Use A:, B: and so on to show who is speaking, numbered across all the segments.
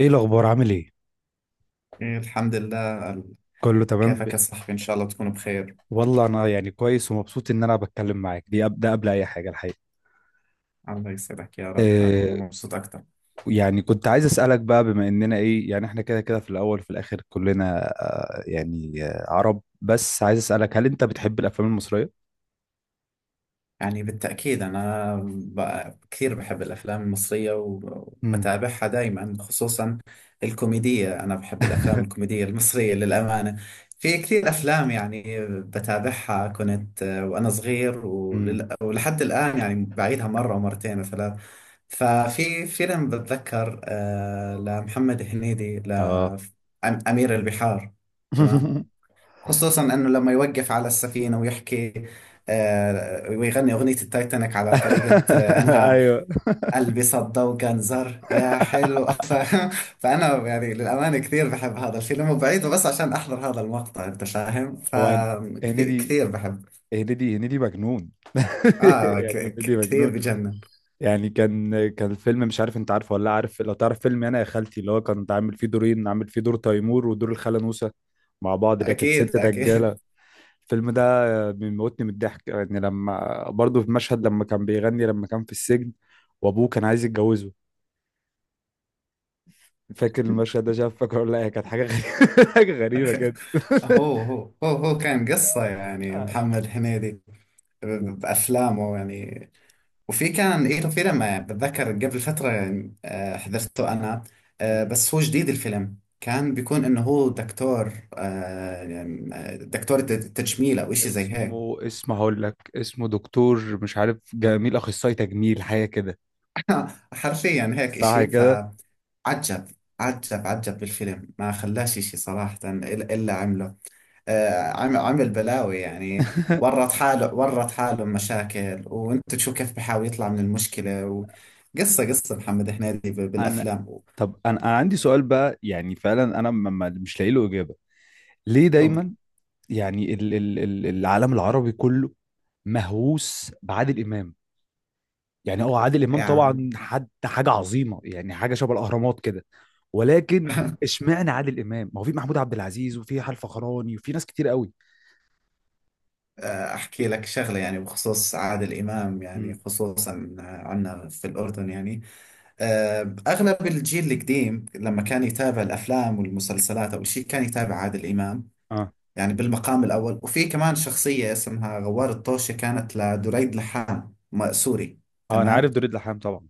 A: ايه الاخبار؟ عامل ايه؟
B: إيه، الحمد لله.
A: كله تمام.
B: كيفك يا صاحبي؟ إن شاء الله تكون بخير.
A: والله انا كويس ومبسوط ان انا بتكلم معاك دي ده قبل اي حاجه الحقيقه.
B: الله يسعدك يا رب. أنا والله
A: إيه؟
B: مبسوط أكتر.
A: يعني كنت عايز اسالك بقى، بما اننا ايه، احنا كده كده في الاول وفي الاخر كلنا عرب، بس عايز اسالك هل انت بتحب الافلام المصريه؟
B: يعني بالتأكيد أنا كثير بحب الأفلام المصرية
A: امم.
B: وبتابعها دائما، خصوصا الكوميدية. أنا بحب الأفلام الكوميدية المصرية للأمانة. في كثير أفلام يعني بتابعها كنت وأنا صغير
A: امم.
B: ولحد الآن. يعني بعيدها مرة ومرتين وثلاث. ففي فيلم بتذكر لمحمد هنيدي،
A: اه.
B: لأمير البحار. تمام. خصوصا انه لما يوقف على السفينه ويحكي، ويغني اغنيه التايتانيك على طريقه. انها
A: ايوه.
B: قلبي صدق وجنزر يا حلو، فاهم؟ فانا يعني للامانه كثير بحب هذا الفيلم وبعيده بس عشان احضر هذا المقطع، انت فاهم،
A: هو
B: فكثير
A: هنيدي.
B: كثير بحب.
A: هنيدي مجنون.
B: اه،
A: يعني هنيدي
B: كثير
A: مجنون.
B: بجنن.
A: يعني كان الفيلم، مش عارف انت عارفه ولا لا، عارف لو تعرف فيلم انا يا خالتي، اللي هو كنت عامل فيه دورين، عامل فيه دور تيمور ودور الخاله نوسه مع بعض اللي هي كانت ست
B: اكيد
A: دجاله؟
B: اكيد.
A: الفيلم ده بيموتني من الضحك. يعني لما برضه في مشهد لما كان بيغني لما كان في السجن وابوه كان عايز يتجوزه، فاكر المشهد ده؟ شاف فاكر ولا لا؟ هي كانت حاجه غريبه، حاجه غريبه كده.
B: هو كان قصه، يعني
A: آه.
B: محمد هنيدي
A: و-
B: بافلامه يعني. وفي كان إله فيلم، بتذكر قبل فترة. حضرته أنا.
A: مم.
B: بس هو جديد الفيلم كان بيكون إنه هو دكتور، يعني، دكتور تجميل أو إشي زي هيك.
A: اسمه، اسمه هقول لك، اسمه دكتور مش عارف جميل، اخصائي تجميل، حاجه كده.
B: حرفيا هيك
A: صح
B: إشي.
A: كده.
B: فعجب عجب عجب بالفيلم. ما خلاش إشي صراحة إلا عمله. عمل بلاوي يعني. ورط حاله مشاكل، وانت تشوف كيف بحاول يطلع من المشكلة. وقصة محمد هنيدي
A: انا،
B: بالأفلام
A: طب انا عندي سؤال بقى. يعني فعلا انا مش لاقي له اجابه، ليه دايما يعني ال العالم العربي كله مهووس بعادل امام؟ يعني هو عادل امام
B: يعني.
A: طبعا حد حاجه عظيمه، يعني حاجه شبه الاهرامات كده، ولكن اشمعنى عادل امام؟ ما هو في محمود عبد العزيز وفي حال فخراني وفي ناس كتير قوي.
B: أحكي لك شغلة، يعني بخصوص عادل إمام، يعني
A: امم.
B: خصوصا عنا في الأردن يعني. أغلب الجيل القديم لما كان يتابع الأفلام والمسلسلات أو شيء كان يتابع عادل إمام.
A: اه.
B: يعني بالمقام الأول. وفي كمان شخصية اسمها غوار الطوشي، كانت لدريد لحام سوري.
A: اه، انا عارف
B: تمام.
A: دوريد لحام طبعا.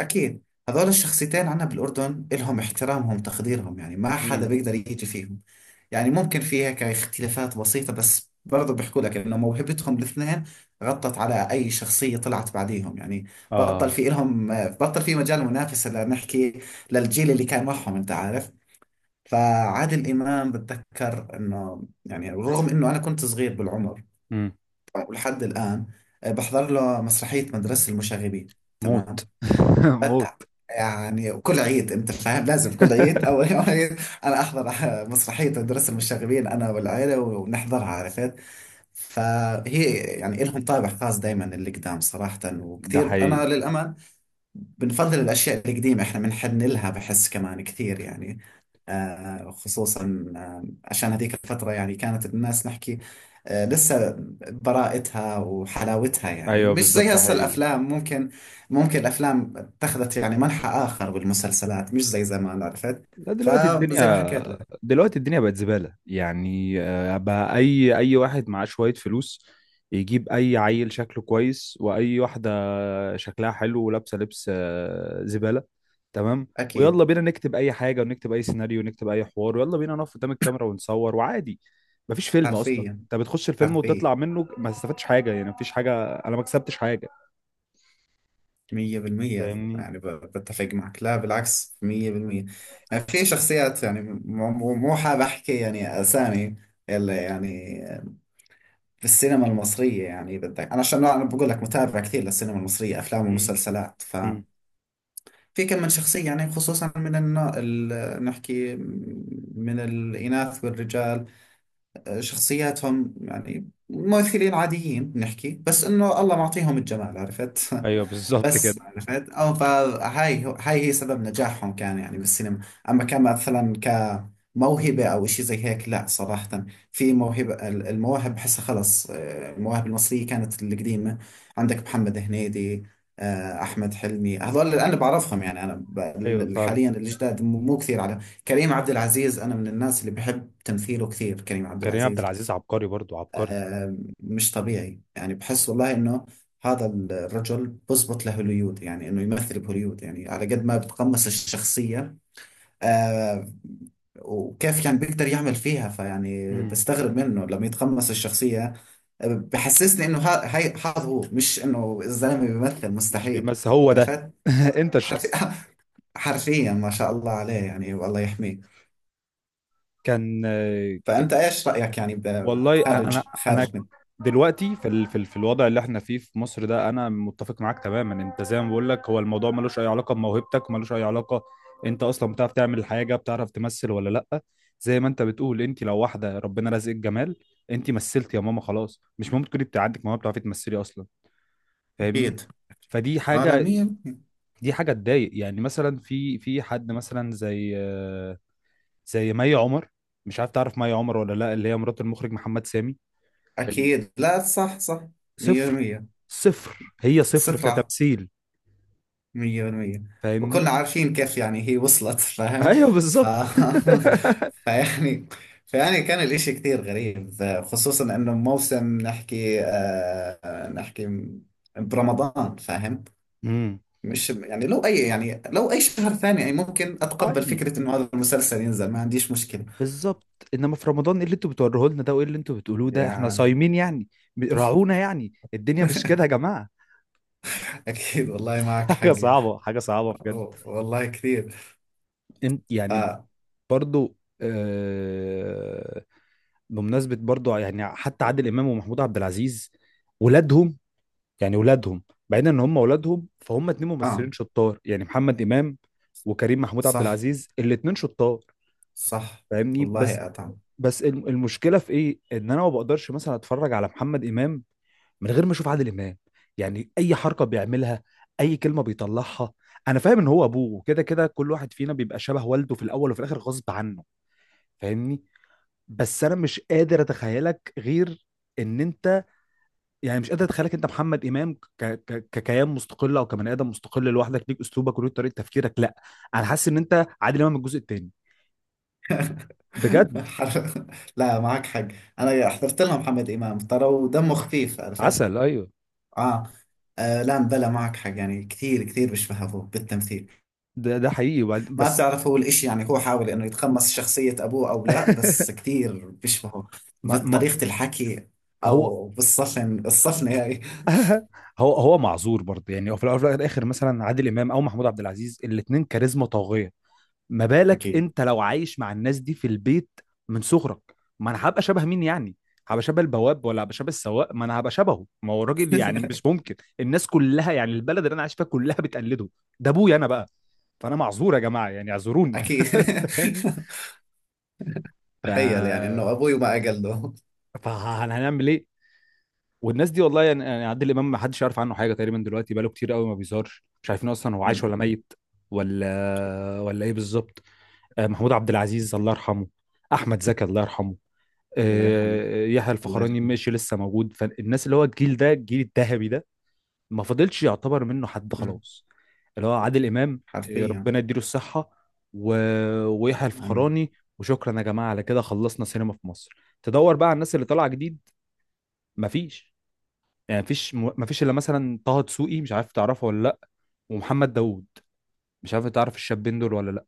B: أكيد. هذول الشخصيتين عنا بالأردن إلهم احترامهم تقديرهم، يعني ما حدا
A: امم.
B: بيقدر يجي فيهم. يعني ممكن في هيك اختلافات بسيطة، بس برضو بيحكوا لك إنه موهبتهم الاثنين غطت على أي شخصية طلعت بعديهم يعني. بطل،
A: اه.
B: في إلهم بطل في مجال، منافسة لنحكي للجيل اللي كان معهم، أنت عارف. فعادل إمام بتذكر إنه يعني رغم إنه أنا كنت صغير بالعمر،
A: امم.
B: ولحد الآن بحضر له مسرحية مدرسة المشاغبين.
A: موت.
B: تمام.
A: موت.
B: بتع يعني وكل عيد، انت فاهم، لازم كل عيد او يوم عيد، انا احضر مسرحيه الدرس المشاغبين انا والعيله، ونحضرها، عرفت. فهي يعني لهم طابع خاص دائما اللي قدام صراحه.
A: ده
B: وكثير انا
A: حقيقي.
B: للامانه بنفضل الأشياء القديمة، إحنا بنحن لها، بحس كمان كثير يعني. خصوصا، عشان هذيك الفترة يعني كانت الناس نحكي، لسه براءتها وحلاوتها، يعني
A: ايوه
B: مش
A: بالظبط،
B: زي
A: ده
B: هسه
A: حقيقي.
B: الأفلام ممكن. ممكن الأفلام اتخذت يعني منحى آخر، والمسلسلات مش زي زمان، عرفت.
A: لا، دلوقتي
B: فزي ما
A: الدنيا،
B: حكيت لك.
A: دلوقتي الدنيا بقت زبالة. يعني آه، بقى أي واحد معاه شوية فلوس يجيب أي عيل شكله كويس وأي واحدة شكلها حلو ولابسة لبس آه، زبالة. تمام.
B: أكيد.
A: ويلا بينا نكتب أي حاجة، ونكتب أي سيناريو، ونكتب أي حوار، ويلا بينا نقف قدام الكاميرا ونصور وعادي. مفيش فيلم أصلا
B: حرفيا
A: أنت بتخش الفيلم
B: حرفيا
A: وتطلع منه ما استفدتش حاجة. يعني مفيش حاجة، أنا ما كسبتش حاجة.
B: مية بالمية.
A: فاهمني؟
B: يعني بتفق معك. لا بالعكس، مية بالمية. يعني في شخصيات، يعني مو حاب أحكي يعني أسامي اللي يعني بالسينما المصرية، يعني بدك أنا عشان أنا بقول لك متابع كثير للسينما المصرية أفلام
A: مم.
B: ومسلسلات. ففي
A: مم.
B: كم من شخصية يعني، خصوصا من نحكي، من الإناث والرجال، شخصياتهم يعني ممثلين عاديين نحكي، بس إنه الله معطيهم الجمال، عرفت.
A: أيوه بالظبط كده.
B: بس عرفت، اه فهاي هاي هي سبب نجاحهم كان يعني بالسينما. اما كان مثلا كموهبة او اشي زي هيك، لا صراحة. في موهبة، المواهب بحسها خلص. المواهب المصرية كانت القديمة. عندك محمد هنيدي، احمد حلمي، هذول اللي انا بعرفهم يعني. انا
A: أيوه فاهم.
B: حاليا الجداد مو كثير على. كريم عبد العزيز، انا من الناس اللي بحب تمثيله كثير، كريم عبد
A: كريم عبد
B: العزيز.
A: العزيز عبقري برضو، عبقري.
B: مش طبيعي يعني، بحس والله انه هذا الرجل بزبط لهوليود، يعني انه يمثل بهوليود. يعني على قد ما بتقمص الشخصية، آه وكيف يعني بيقدر يعمل فيها، فيعني
A: مم.
B: بستغرب منه لما يتقمص الشخصية. بحسسني انه هاي هذا هو، مش انه الزلمة بيمثل،
A: مش
B: مستحيل
A: بس هو ده.
B: عرفت.
A: انت الشخص
B: حرف- حرفيا ما شاء الله عليه يعني، والله يحميه.
A: كان آه،
B: فأنت ايش رأيك يعني
A: والله انا،
B: خارج،
A: انا دلوقتي في الوضع اللي احنا فيه في مصر ده، انا متفق معاك تماما. انت زي ما بقول لك، هو الموضوع ملوش اي علاقه بموهبتك، ملوش اي علاقه انت اصلا بتعرف تعمل حاجه، بتعرف تمثل ولا لا. زي ما انت بتقول، انت لو واحده ربنا رزقك جمال، انت مثلت يا ماما، خلاص مش ممكن تكوني بتاع عندك موهبه بتعرفي تمثلي اصلا. فاهمني؟
B: أكيد.
A: فدي حاجه،
B: عالمية.
A: دي حاجه تضايق. يعني مثلا في حد مثلا زي آه، زي مي عمر، مش عارف تعرف مي عمر ولا لا، اللي هي مرات المخرج محمد سامي. ال-
B: أكيد. لا، صح صح. مية
A: صفر.
B: بالمية.
A: صفر، هي صفر
B: صفرة.
A: كتمثيل.
B: مية بالمية.
A: فاهمني؟
B: وكلنا عارفين كيف يعني هي وصلت، فاهم.
A: ايوه
B: ف...
A: بالظبط.
B: فيعني فيعني كان الإشي كثير غريب. خصوصا إنه موسم نحكي، نحكي برمضان، فاهم.
A: امم.
B: مش يعني لو أي، يعني لو أي شهر ثاني، يعني ممكن أتقبل
A: عادي.
B: فكرة إنه هذا المسلسل ينزل، ما عنديش مشكلة.
A: بالظبط. انما في رمضان، ايه اللي انتوا بتوروه لنا ده؟ وايه اللي انتوا بتقولوه ده؟ احنا
B: يعني
A: صايمين يعني. راعونا يعني، الدنيا مش كده يا جماعه.
B: أكيد، والله معك
A: حاجه
B: حقي،
A: صعبه، حاجه صعبه بجد.
B: والله كثير.
A: انت
B: ف...
A: يعني، برضو آه، بمناسبه برضو، يعني حتى عادل امام ومحمود عبد العزيز، ولادهم، يعني ولادهم، بعيدا ان هم ولادهم، فهم اتنين
B: آه،
A: ممثلين شطار، يعني محمد امام وكريم محمود عبد
B: صح
A: العزيز، الاتنين شطار.
B: صح.
A: فاهمني؟ بس،
B: والله أطعم.
A: بس المشكله في ايه ان انا ما بقدرش مثلا اتفرج على محمد امام من غير ما اشوف عادل امام. يعني اي حركه بيعملها، اي كلمه بيطلعها، انا فاهم ان هو ابوه، وكده كده كل واحد فينا بيبقى شبه والده في الاول وفي الاخر غصب عنه. فاهمني؟ بس انا مش قادر اتخيلك غير ان انت، يعني مش قادر اتخيلك انت محمد امام ك... ك... ككيان مستقل او كبني ادم مستقل لوحدك، ليك اسلوبك وليك طريقه تفكيرك. لا، انا حاسس ان انت عادل امام الجزء الثاني. بجد.
B: حر- لا معك حق. أنا حضرت لها محمد إمام ترى، ودمه خفيف عرفت.
A: عسل، ايوه.
B: آه. لا بلا، معك حق. يعني كثير كثير بيشبه أبوه بالتمثيل.
A: ده ده حقيقي.
B: ما
A: بس.
B: بتعرف هو الإشي، يعني هو حاول إنه يتقمص شخصية أبوه أو لا، بس كثير بيشبهه
A: ما... ما
B: بطريقة الحكي،
A: هو.
B: أو بالصفن، الصفنة هاي.
A: هو معذور برضه. يعني هو في الاول وفي الاخر، مثلا عادل امام او محمود عبد العزيز، الاثنين كاريزما طاغيه، ما بالك
B: أكيد
A: انت لو عايش مع الناس دي في البيت من صغرك؟ ما انا هبقى شبه مين يعني؟ هبقى شبه البواب، ولا هبقى شبه السواق؟ ما انا هبقى شبهه، ما هو الراجل يعني مش ممكن. الناس كلها يعني البلد اللي انا عايش فيها كلها بتقلده، ده ابويا انا بقى. فانا معذور يا جماعه، يعني اعذروني.
B: أكيد.
A: يعني، ف
B: تخيل يعني إنه أبوي ما أقل له.
A: فهنعمل ايه؟ والناس دي، والله يعني، عادل امام ما حدش يعرف عنه حاجه تقريبا دلوقتي، بقاله كتير قوي ما بيظهرش، مش عارفين اصلا هو عايش
B: أمم،
A: ولا ميت ولا ايه بالظبط. آه، محمود عبد العزيز الله يرحمه، احمد زكي الله يرحمه،
B: الله يرحمه،
A: آه، يحيى
B: الله
A: الفخراني
B: يرحمه.
A: ماشي لسه موجود. فالناس اللي هو الجيل ده، الجيل الذهبي ده، ما فضلش يعتبر منه حد
B: أمم،
A: خلاص، اللي هو عادل امام، آه،
B: حرفيا.
A: ربنا يديله الصحه، و... ويحيى
B: امين.
A: الفخراني. وشكرا يا جماعه، على كده خلصنا سينما في مصر. تدور بقى على الناس اللي طالعه جديد، مفيش. يعني مفيش، مفيش الا مثلا طه دسوقي، مش عارف تعرفه ولا لا، ومحمد داوود، مش عارف تعرف الشابين دول ولا لا.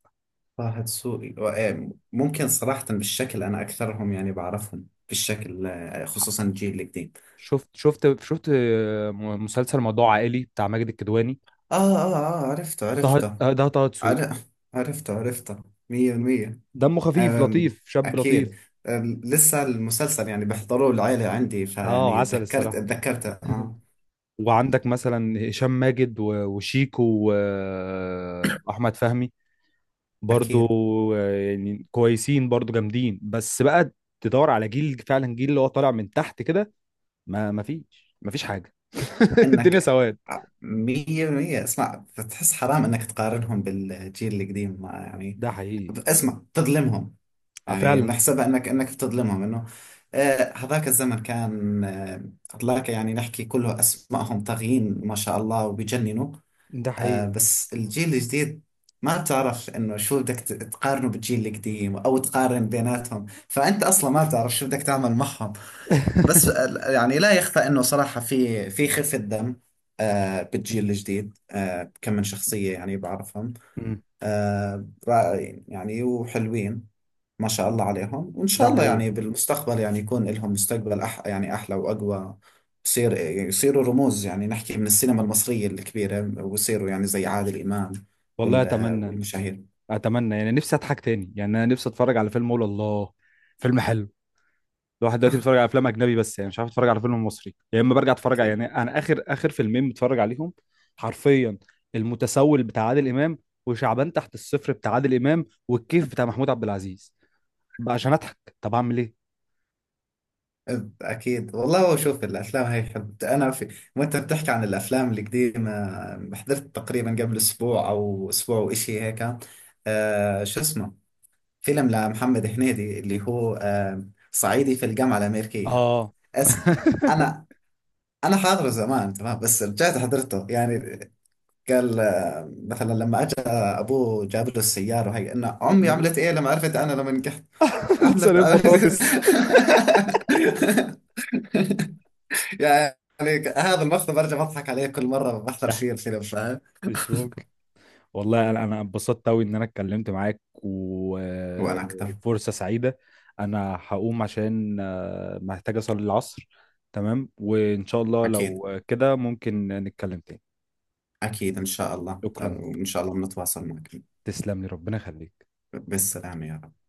B: طه دسوقي، ممكن صراحة بالشكل أنا أكثرهم يعني بعرفهم بالشكل،
A: ح-
B: خصوصا الجيل الجديد.
A: شفت شفت آه، مسلسل موضوع عائلي بتاع ماجد الكدواني؟
B: عرفته
A: طه
B: عرفته.
A: آه، ده طه دسوقي.
B: عر- عرفته عرفته. مية بالمية.
A: دمه خفيف،
B: آم،
A: لطيف، شاب لطيف.
B: أكيد. لسه المسلسل يعني بحضروه العيلة عندي،
A: اه،
B: فيعني
A: عسل
B: تذكرت،
A: الصراحة.
B: تذكرته. آه.
A: وعندك مثلا هشام ماجد وشيكو واحمد فهمي برضو،
B: أكيد.
A: آه، يعني كويسين برضو، جامدين، بس بقى تدور على جيل فعلا، جيل اللي هو طالع من تحت كده، ما فيش، ما فيش حاجة. الدنيا
B: إنك،
A: سواد.
B: مية بالمية. اسمع، بتحس حرام إنك تقارنهم بالجيل القديم ما يعني.
A: ده حقيقي.
B: اسمع تظلمهم.
A: آه،
B: يعني
A: فعلا.
B: نحسبها أنك بتظلمهم، إنه هذاك الزمن كان، هذاك يعني نحكي كله، أسمائهم طاغيين ما شاء الله وبيجننوا.
A: ده حقيقي.
B: بس الجيل الجديد، ما بتعرف إنه شو بدك تقارنه بالجيل القديم أو تقارن بيناتهم، فأنت أصلا ما بتعرف شو بدك تعمل معهم. بس يعني لا يخفى إنه صراحة في خفة دم، بالجيل الجديد. كم من شخصية يعني بعرفهم،
A: مم.
B: رائعين يعني وحلوين. ما شاء الله عليهم، وإن
A: ده
B: شاء الله
A: حقيقي.
B: يعني بالمستقبل يعني يكون لهم مستقبل، يعني أحلى وأقوى. يصير يصيروا رموز، يعني نحكي من السينما المصرية الكبيرة، ويصيروا يعني زي عادل إمام،
A: والله اتمنى،
B: والمشاهير.
A: اتمنى يعني، نفسي اضحك تاني. يعني انا نفسي اتفرج على فيلم اقول الله، فيلم حلو. الواحد دلوقتي بيتفرج على افلام اجنبي بس، يعني مش عارف اتفرج على فيلم مصري، يا اما برجع اتفرج على،
B: أكيد.
A: يعني انا اخر فيلمين بتفرج عليهم حرفيا، المتسول بتاع عادل امام، وشعبان تحت الصفر بتاع عادل امام، والكيف بتاع محمود عبد العزيز، بقى عشان اضحك. طب اعمل ايه؟
B: أكيد، والله، شوف الأفلام هاي حلوة. أنا في وأنت بتحكي عن الأفلام القديمة، حضرت تقريبا قبل أسبوع أو أسبوع وإشي هيك. شو اسمه، فيلم لمحمد هنيدي اللي هو، صعيدي في الجامعة الأمريكية.
A: اه.
B: أس... انا انا حاضره زمان تمام، بس رجعت حضرته يعني. قال مثلا لما اجى ابوه جاب له السياره، وهي ان امي
A: جابوا-
B: عملت ايه لما عرفت انا لما نجحت، عملت.
A: لسه بطاطس.
B: يعني هذا المقطع برجع بضحك عليه كل مره بحضر
A: ضحك،
B: فيه الفيلم، فاهم.
A: مش ممكن. والله انا، اتبسطت قوي ان انا اتكلمت معاك،
B: وانا اكثر.
A: وفرصة سعيدة. انا هقوم عشان آه، محتاج اصلي العصر. تمام، وان شاء الله
B: اكيد
A: لو كده ممكن نتكلم تاني.
B: اكيد، ان شاء الله،
A: شكرا،
B: وان شاء الله بنتواصل معك.
A: تسلم لي، ربنا يخليك.
B: بالسلامه يا رب.